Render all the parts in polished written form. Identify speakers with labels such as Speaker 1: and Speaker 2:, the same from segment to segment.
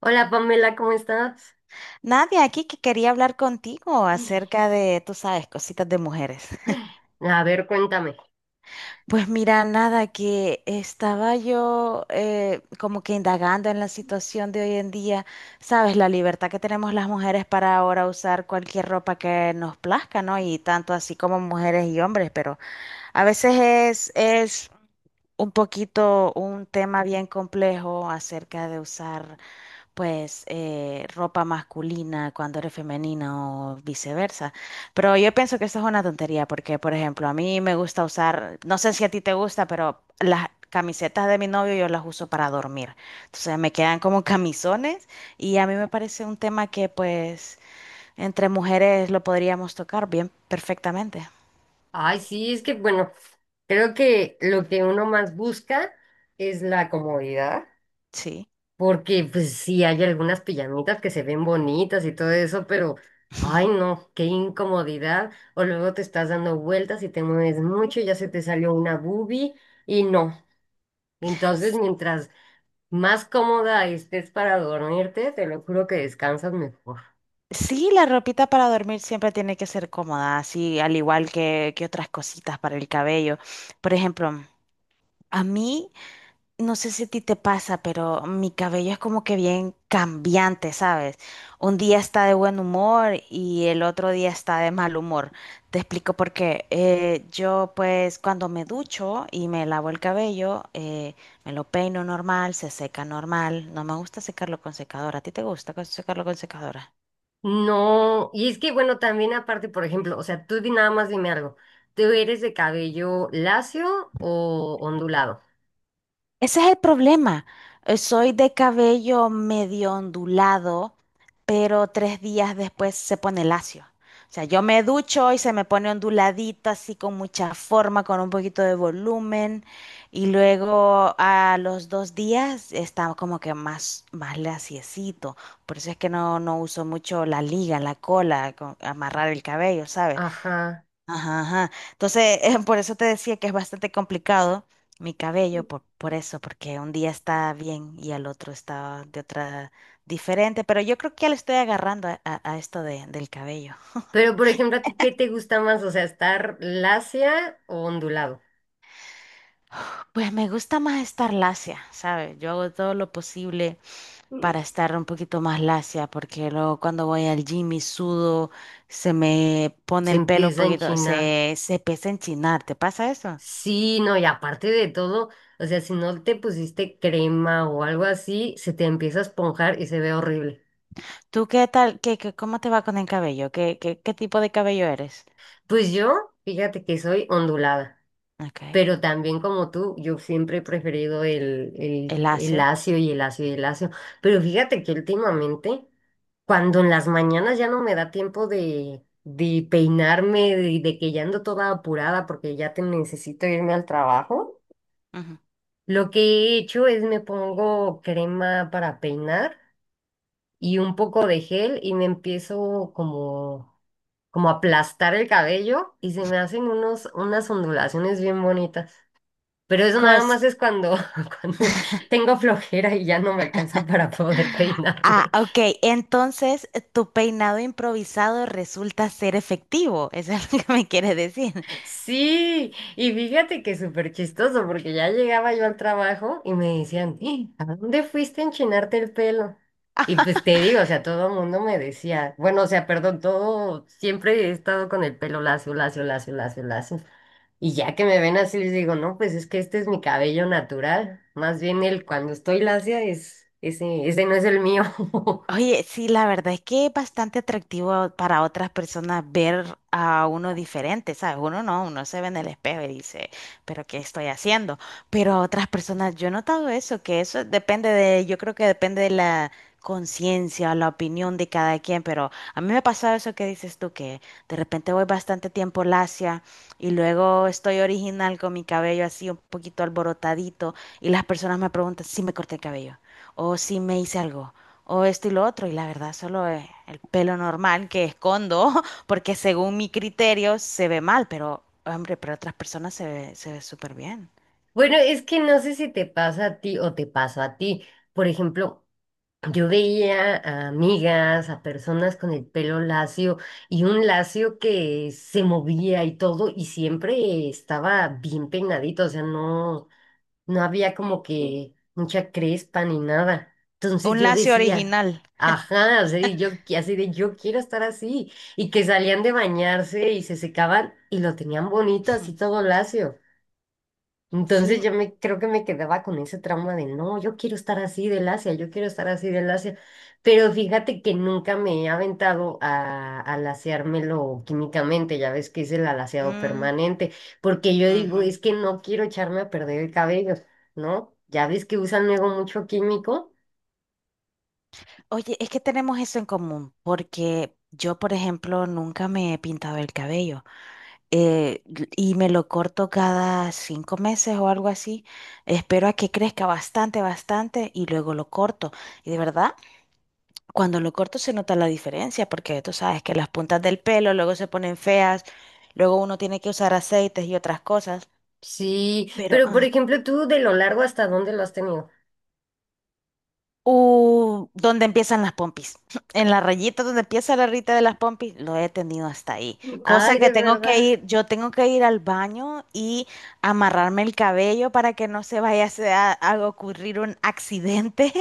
Speaker 1: Hola, Pamela, ¿cómo estás?
Speaker 2: Nadia, aquí que quería hablar contigo acerca de, tú sabes, cositas de mujeres.
Speaker 1: A ver, cuéntame.
Speaker 2: Pues mira, nada, que estaba yo como que indagando en la situación de hoy en día, sabes, la libertad que tenemos las mujeres para ahora usar cualquier ropa que nos plazca, ¿no? Y tanto así como mujeres y hombres, pero a veces es un poquito un tema bien complejo acerca de usar, pues ropa masculina cuando eres femenina o viceversa. Pero yo pienso que eso es una tontería porque, por ejemplo, a mí me gusta usar, no sé si a ti te gusta, pero las camisetas de mi novio yo las uso para dormir. Entonces me quedan como camisones y a mí me parece un tema que pues entre mujeres lo podríamos tocar bien perfectamente.
Speaker 1: Ay, sí, es que bueno, creo que lo que uno más busca es la comodidad,
Speaker 2: Sí.
Speaker 1: porque pues sí hay algunas pijamitas que se ven bonitas y todo eso, pero ay no, qué incomodidad. O luego te estás dando vueltas y te mueves mucho, ya se te salió una boobie y no. Entonces,
Speaker 2: S-
Speaker 1: mientras más cómoda estés para dormirte, te lo juro que descansas mejor.
Speaker 2: Sí, la ropita para dormir siempre tiene que ser cómoda, así al igual que otras cositas para el cabello. Por ejemplo, a mí, no sé si a ti te pasa, pero mi cabello es como que bien cambiante, ¿sabes? Un día está de buen humor y el otro día está de mal humor. Te explico por qué. Yo pues cuando me ducho y me lavo el cabello, me lo peino normal, se seca normal. No me gusta secarlo con secadora. ¿A ti te gusta secarlo con secadora?
Speaker 1: No, y es que bueno, también aparte, por ejemplo, o sea, nada más dime algo. ¿Tú eres de cabello lacio o ondulado?
Speaker 2: Ese es el problema. Soy de cabello medio ondulado, pero tres días después se pone lacio. O sea, yo me ducho y se me pone onduladito, así con mucha forma, con un poquito de volumen. Y luego a los dos días está como que más, más laciecito. Por eso es que no uso mucho la liga, la cola, amarrar el cabello, ¿sabes?
Speaker 1: Ajá.
Speaker 2: Ajá, ajá. Entonces, por eso te decía que es bastante complicado mi cabello, por eso, porque un día está bien y al otro está de otra diferente, pero yo creo que ya le estoy agarrando a esto del cabello.
Speaker 1: Pero por ejemplo, ¿a ti qué te gusta más? O sea, ¿estar lacia o ondulado?
Speaker 2: Pues me gusta más estar lacia, ¿sabes? Yo hago todo lo posible
Speaker 1: Mm.
Speaker 2: para estar un poquito más lacia, porque luego cuando voy al gym y sudo, se me pone
Speaker 1: Se
Speaker 2: el pelo un
Speaker 1: empieza en
Speaker 2: poquito,
Speaker 1: China.
Speaker 2: se empieza a enchinar, ¿te pasa eso?
Speaker 1: Sí, no, y aparte de todo, o sea, si no te pusiste crema o algo así, se te empieza a esponjar y se ve horrible.
Speaker 2: ¿Tú qué tal? Cómo te va con el cabello? ¿Qué tipo de cabello eres?
Speaker 1: Pues yo, fíjate que soy ondulada.
Speaker 2: Ok.
Speaker 1: Pero también como tú, yo siempre he preferido el, el,
Speaker 2: El
Speaker 1: el
Speaker 2: lacio.
Speaker 1: lacio y el lacio y el lacio. Pero fíjate que últimamente, cuando en las mañanas ya no me da tiempo de peinarme, de que ya ando toda apurada porque ya te necesito irme al trabajo,
Speaker 2: Ujú.
Speaker 1: lo que he hecho es me pongo crema para peinar y un poco de gel y me empiezo como, como a aplastar el cabello y se me hacen unos, unas ondulaciones bien bonitas. Pero eso nada
Speaker 2: Cos-
Speaker 1: más es cuando, cuando tengo flojera y ya no me alcanza para poder
Speaker 2: ah,
Speaker 1: peinarme.
Speaker 2: ok. Entonces, tu peinado improvisado resulta ser efectivo. Eso es lo que me quieres decir.
Speaker 1: Sí, y fíjate que es súper chistoso porque ya llegaba yo al trabajo y me decían, "Ih, ¿a dónde fuiste a enchinarte el pelo? Y pues te digo, o sea, todo el mundo me decía, bueno, o sea, perdón, todo, siempre he estado con el pelo lacio, lacio, lacio, lacio, lacio. Y ya que me ven así, les digo, no, pues es que este es mi cabello natural. Más bien el cuando estoy lacia es, ese no es el mío.
Speaker 2: Oye, sí, la verdad es que es bastante atractivo para otras personas ver a uno diferente, ¿sabes? Uno no, uno se ve en el espejo y dice, pero ¿qué estoy haciendo? Pero a otras personas, yo he notado eso, que eso depende de, yo creo que depende de la conciencia, la opinión de cada quien, pero a mí me ha pasado eso que dices tú, que de repente voy bastante tiempo lacia y luego estoy original con mi cabello así un poquito alborotadito y las personas me preguntan si me corté el cabello o si me hice algo o esto y lo otro, y la verdad solo es el pelo normal que escondo, porque según mi criterio se ve mal, pero hombre, para otras personas se ve súper bien.
Speaker 1: Bueno, es que no sé si te pasa a ti o te pasó a ti. Por ejemplo, yo veía a amigas, a personas con el pelo lacio y un lacio que se movía y todo y siempre estaba bien peinadito, o sea, no, no había como que mucha crespa ni nada. Entonces
Speaker 2: Un
Speaker 1: yo
Speaker 2: lacio
Speaker 1: decía,
Speaker 2: original.
Speaker 1: ajá, o sea, y así de yo quiero estar así y que salían de bañarse y se secaban y lo tenían bonito así todo lacio. Entonces
Speaker 2: Sí.
Speaker 1: yo me creo que me quedaba con ese trauma de no, yo quiero estar así del Asia, yo quiero estar así del Asia. Pero fíjate que nunca me he aventado a laseármelo químicamente, ya ves que es el alaciado
Speaker 2: Mm,
Speaker 1: permanente, porque yo digo,
Speaker 2: ujú.
Speaker 1: es que no quiero echarme a perder el cabello, ¿no? Ya ves que usan luego mucho químico.
Speaker 2: Oye, es que tenemos eso en común, porque yo, por ejemplo, nunca me he pintado el cabello y me lo corto cada 5 meses o algo así. Espero a que crezca bastante, bastante y luego lo corto. Y de verdad. Cuando lo corto se nota la diferencia, porque tú sabes que las puntas del pelo luego se ponen feas, luego uno tiene que usar aceites y otras cosas,
Speaker 1: Sí,
Speaker 2: pero
Speaker 1: pero por ejemplo, tú de lo largo hasta dónde lo has tenido.
Speaker 2: ¿dónde empiezan las pompis? En la rayita donde empieza la rita de las pompis, lo he tenido hasta ahí. Cosa
Speaker 1: Ay, de
Speaker 2: que tengo que
Speaker 1: verdad.
Speaker 2: ir, yo tengo que ir al baño y amarrarme el cabello para que no se vaya a ocurrir un accidente.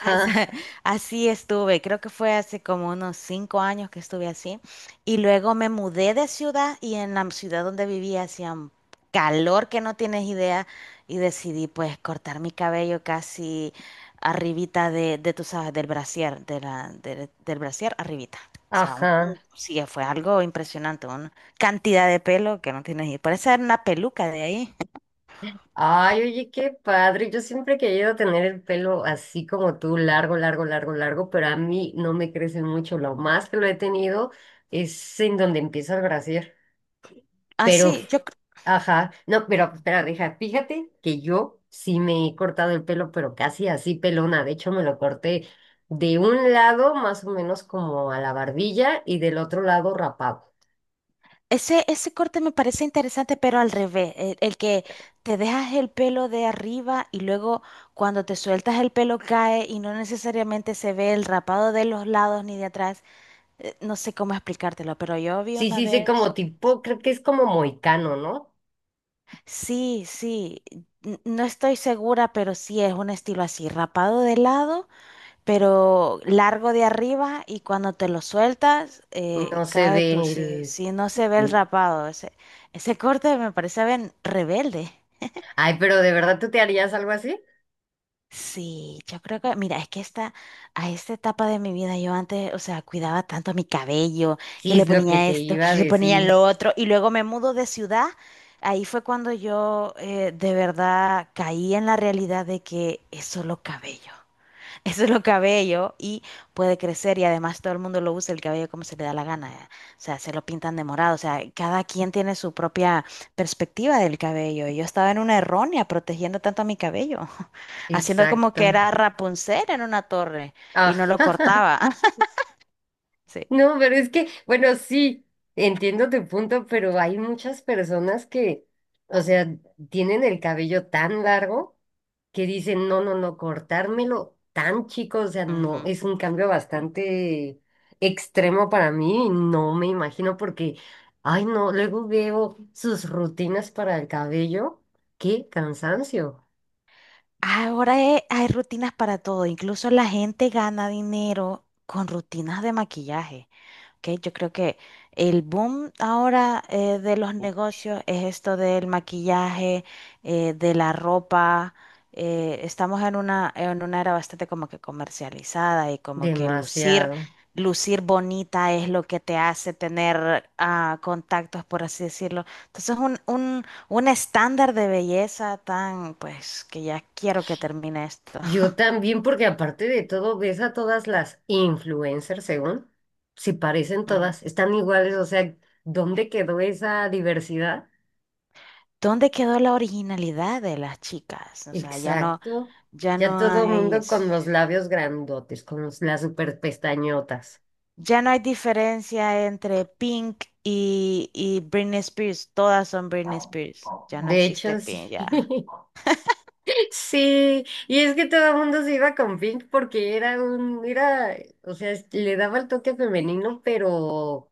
Speaker 2: Así así estuve, creo que fue hace como unos 5 años que estuve así. Y luego me mudé de ciudad y en la ciudad donde vivía hacía un calor que no tienes idea y decidí pues cortar mi cabello casi arribita de tú sabes, del brasier, del brasier arribita. O sea,
Speaker 1: ajá.
Speaker 2: sí, fue algo impresionante, una cantidad de pelo que no tienes idea. Parece una peluca de ahí.
Speaker 1: Ay, oye, qué padre. Yo siempre he querido tener el pelo así como tú, largo, largo, largo, largo, pero a mí no me crece mucho. Lo más que lo he tenido es en donde empieza el brasier. Pero,
Speaker 2: Así, yo
Speaker 1: ajá, no, pero espera, deja, fíjate que yo sí me he cortado el pelo, pero casi así pelona. De hecho, me lo corté de un lado más o menos como a la barbilla y del otro lado rapado.
Speaker 2: ese, ese corte me parece interesante, pero al revés, el que te dejas el pelo de arriba y luego cuando te sueltas el pelo cae y no necesariamente se ve el rapado de los lados ni de atrás. No sé cómo explicártelo, pero yo vi
Speaker 1: Sí,
Speaker 2: una
Speaker 1: sí, sí,
Speaker 2: vez.
Speaker 1: como tipo, creo que es como moicano, ¿no?
Speaker 2: Sí, sí, no estoy segura, pero sí es un estilo así, rapado de lado pero largo de arriba y cuando te lo sueltas,
Speaker 1: No se
Speaker 2: cae
Speaker 1: ve
Speaker 2: tú. Si,
Speaker 1: el...
Speaker 2: si no se ve el rapado, ese corte me parece bien rebelde.
Speaker 1: Ay, pero ¿de verdad tú te harías algo así?
Speaker 2: Sí, yo creo que, mira, es que a esta etapa de mi vida yo antes, o sea, cuidaba tanto mi cabello, que
Speaker 1: Sí,
Speaker 2: le
Speaker 1: es lo que
Speaker 2: ponía
Speaker 1: te
Speaker 2: esto,
Speaker 1: iba a
Speaker 2: que le ponía
Speaker 1: decir.
Speaker 2: lo otro, y luego me mudo de ciudad. Ahí fue cuando yo de verdad caí en la realidad de que es solo cabello. Eso es lo cabello y puede crecer y además todo el mundo lo usa el cabello como se le da la gana. O sea, se lo pintan de morado. O sea, cada quien tiene su propia perspectiva del cabello. Y yo estaba en una errónea protegiendo tanto a mi cabello, haciendo como que
Speaker 1: Exacto.
Speaker 2: era Rapunzel en una torre y
Speaker 1: Ah,
Speaker 2: no lo cortaba. Sí.
Speaker 1: No, pero es que, bueno, sí, entiendo tu punto, pero hay muchas personas que, o sea, tienen el cabello tan largo que dicen, no, no, no, cortármelo tan chico, o sea, no,
Speaker 2: Ujú.
Speaker 1: es un cambio bastante extremo para mí, y no me imagino porque, ay, no, luego veo sus rutinas para el cabello, qué cansancio.
Speaker 2: Ahora hay rutinas para todo. Incluso la gente gana dinero con rutinas de maquillaje, que yo creo que el boom ahora, de los negocios es esto del maquillaje, de la ropa. Estamos en una era bastante como que comercializada y como que lucir,
Speaker 1: Demasiado.
Speaker 2: lucir bonita es lo que te hace tener contactos, por así decirlo. Entonces, un estándar de belleza tan, pues, que ya quiero que termine esto.
Speaker 1: Yo también, porque aparte de todo, ves a todas las influencers, según, si parecen
Speaker 2: Ujú.
Speaker 1: todas, están iguales, o sea, ¿dónde quedó esa diversidad?
Speaker 2: ¿Dónde quedó la originalidad de las chicas? O sea, ya no.
Speaker 1: Exacto.
Speaker 2: Ya
Speaker 1: Ya
Speaker 2: no
Speaker 1: todo
Speaker 2: hay,
Speaker 1: mundo con los labios grandotes, con las super pestañotas.
Speaker 2: ya no hay diferencia entre Pink y Britney Spears. Todas son Britney Spears. Ya no
Speaker 1: De
Speaker 2: existe
Speaker 1: hecho, sí.
Speaker 2: Pink, ya.
Speaker 1: Sí, y es que todo el mundo se iba con Pink porque era un, era, o sea, le daba el toque femenino, pero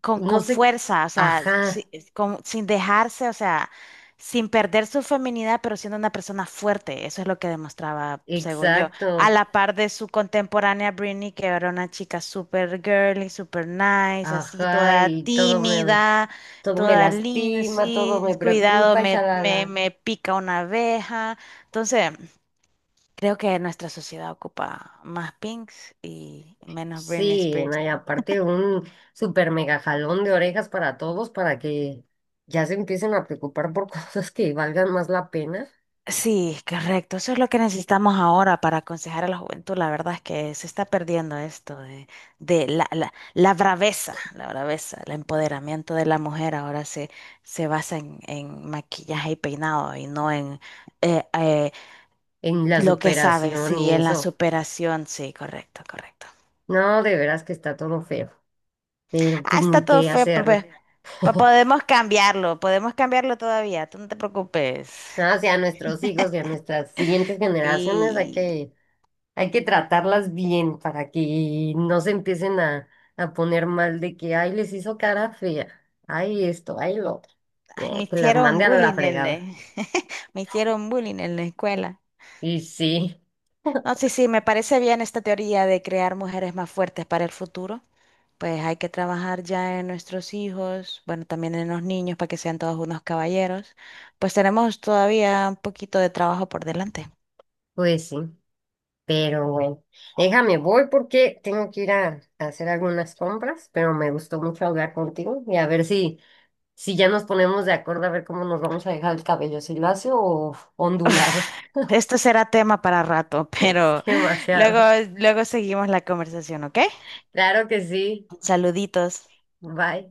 Speaker 2: con,
Speaker 1: no
Speaker 2: con
Speaker 1: sé,
Speaker 2: fuerza, o sea,
Speaker 1: ajá.
Speaker 2: sin dejarse, o sea, sin perder su feminidad, pero siendo una persona fuerte. Eso es lo que demostraba, según yo. A
Speaker 1: Exacto,
Speaker 2: la par de su contemporánea Britney, que era una chica súper girly, súper nice, así,
Speaker 1: ajá,
Speaker 2: toda
Speaker 1: y
Speaker 2: tímida,
Speaker 1: todo me
Speaker 2: toda linda,
Speaker 1: lastima,
Speaker 2: así,
Speaker 1: todo me
Speaker 2: cuidado,
Speaker 1: preocupa,
Speaker 2: me, me,
Speaker 1: shalala.
Speaker 2: me pica una abeja. Entonces, creo que nuestra sociedad ocupa más Pinks y menos Britney
Speaker 1: Sí, no,
Speaker 2: Spears.
Speaker 1: y aparte un super mega jalón de orejas para todos para que ya se empiecen a preocupar por cosas que valgan más la pena
Speaker 2: Sí, correcto. Eso es lo que necesitamos ahora para aconsejar a la juventud. La verdad es que se está perdiendo esto de la braveza, el empoderamiento de la mujer ahora se basa en maquillaje y peinado y no en eh, eh,
Speaker 1: en la
Speaker 2: lo que sabe,
Speaker 1: superación
Speaker 2: sí,
Speaker 1: y
Speaker 2: en la
Speaker 1: eso.
Speaker 2: superación. Sí, correcto, correcto.
Speaker 1: No, de veras que está todo feo, pero
Speaker 2: Ah,
Speaker 1: pues
Speaker 2: está
Speaker 1: ni
Speaker 2: todo
Speaker 1: qué
Speaker 2: feo, papá.
Speaker 1: hacer.
Speaker 2: Podemos cambiarlo todavía, tú no te preocupes.
Speaker 1: No, o sea, nuestros hijos y a nuestras siguientes generaciones hay
Speaker 2: Sí.
Speaker 1: que hay que tratarlas bien para que no se empiecen a poner mal de que, ay, les hizo cara fea, ay, esto, ay, lo otro.
Speaker 2: Ay, me
Speaker 1: Que las
Speaker 2: hicieron
Speaker 1: mande a la
Speaker 2: bullying en la...
Speaker 1: fregada.
Speaker 2: Me hicieron bullying en la escuela.
Speaker 1: Y sí,
Speaker 2: No, sí, sí, me parece bien esta teoría de crear mujeres más fuertes para el futuro. Pues hay que trabajar ya en nuestros hijos, bueno, también en los niños para que sean todos unos caballeros. Pues tenemos todavía un poquito de trabajo por delante.
Speaker 1: pues sí, pero bueno, déjame, voy porque tengo que ir a hacer algunas compras, pero me gustó mucho hablar contigo y a ver si, si ya nos ponemos de acuerdo a ver cómo nos vamos a dejar el cabello, si lacio o ondulado.
Speaker 2: Esto será tema para rato,
Speaker 1: Es
Speaker 2: pero luego,
Speaker 1: demasiado.
Speaker 2: luego seguimos la conversación, ¿ok?
Speaker 1: Claro que sí,
Speaker 2: Saluditos.
Speaker 1: bye.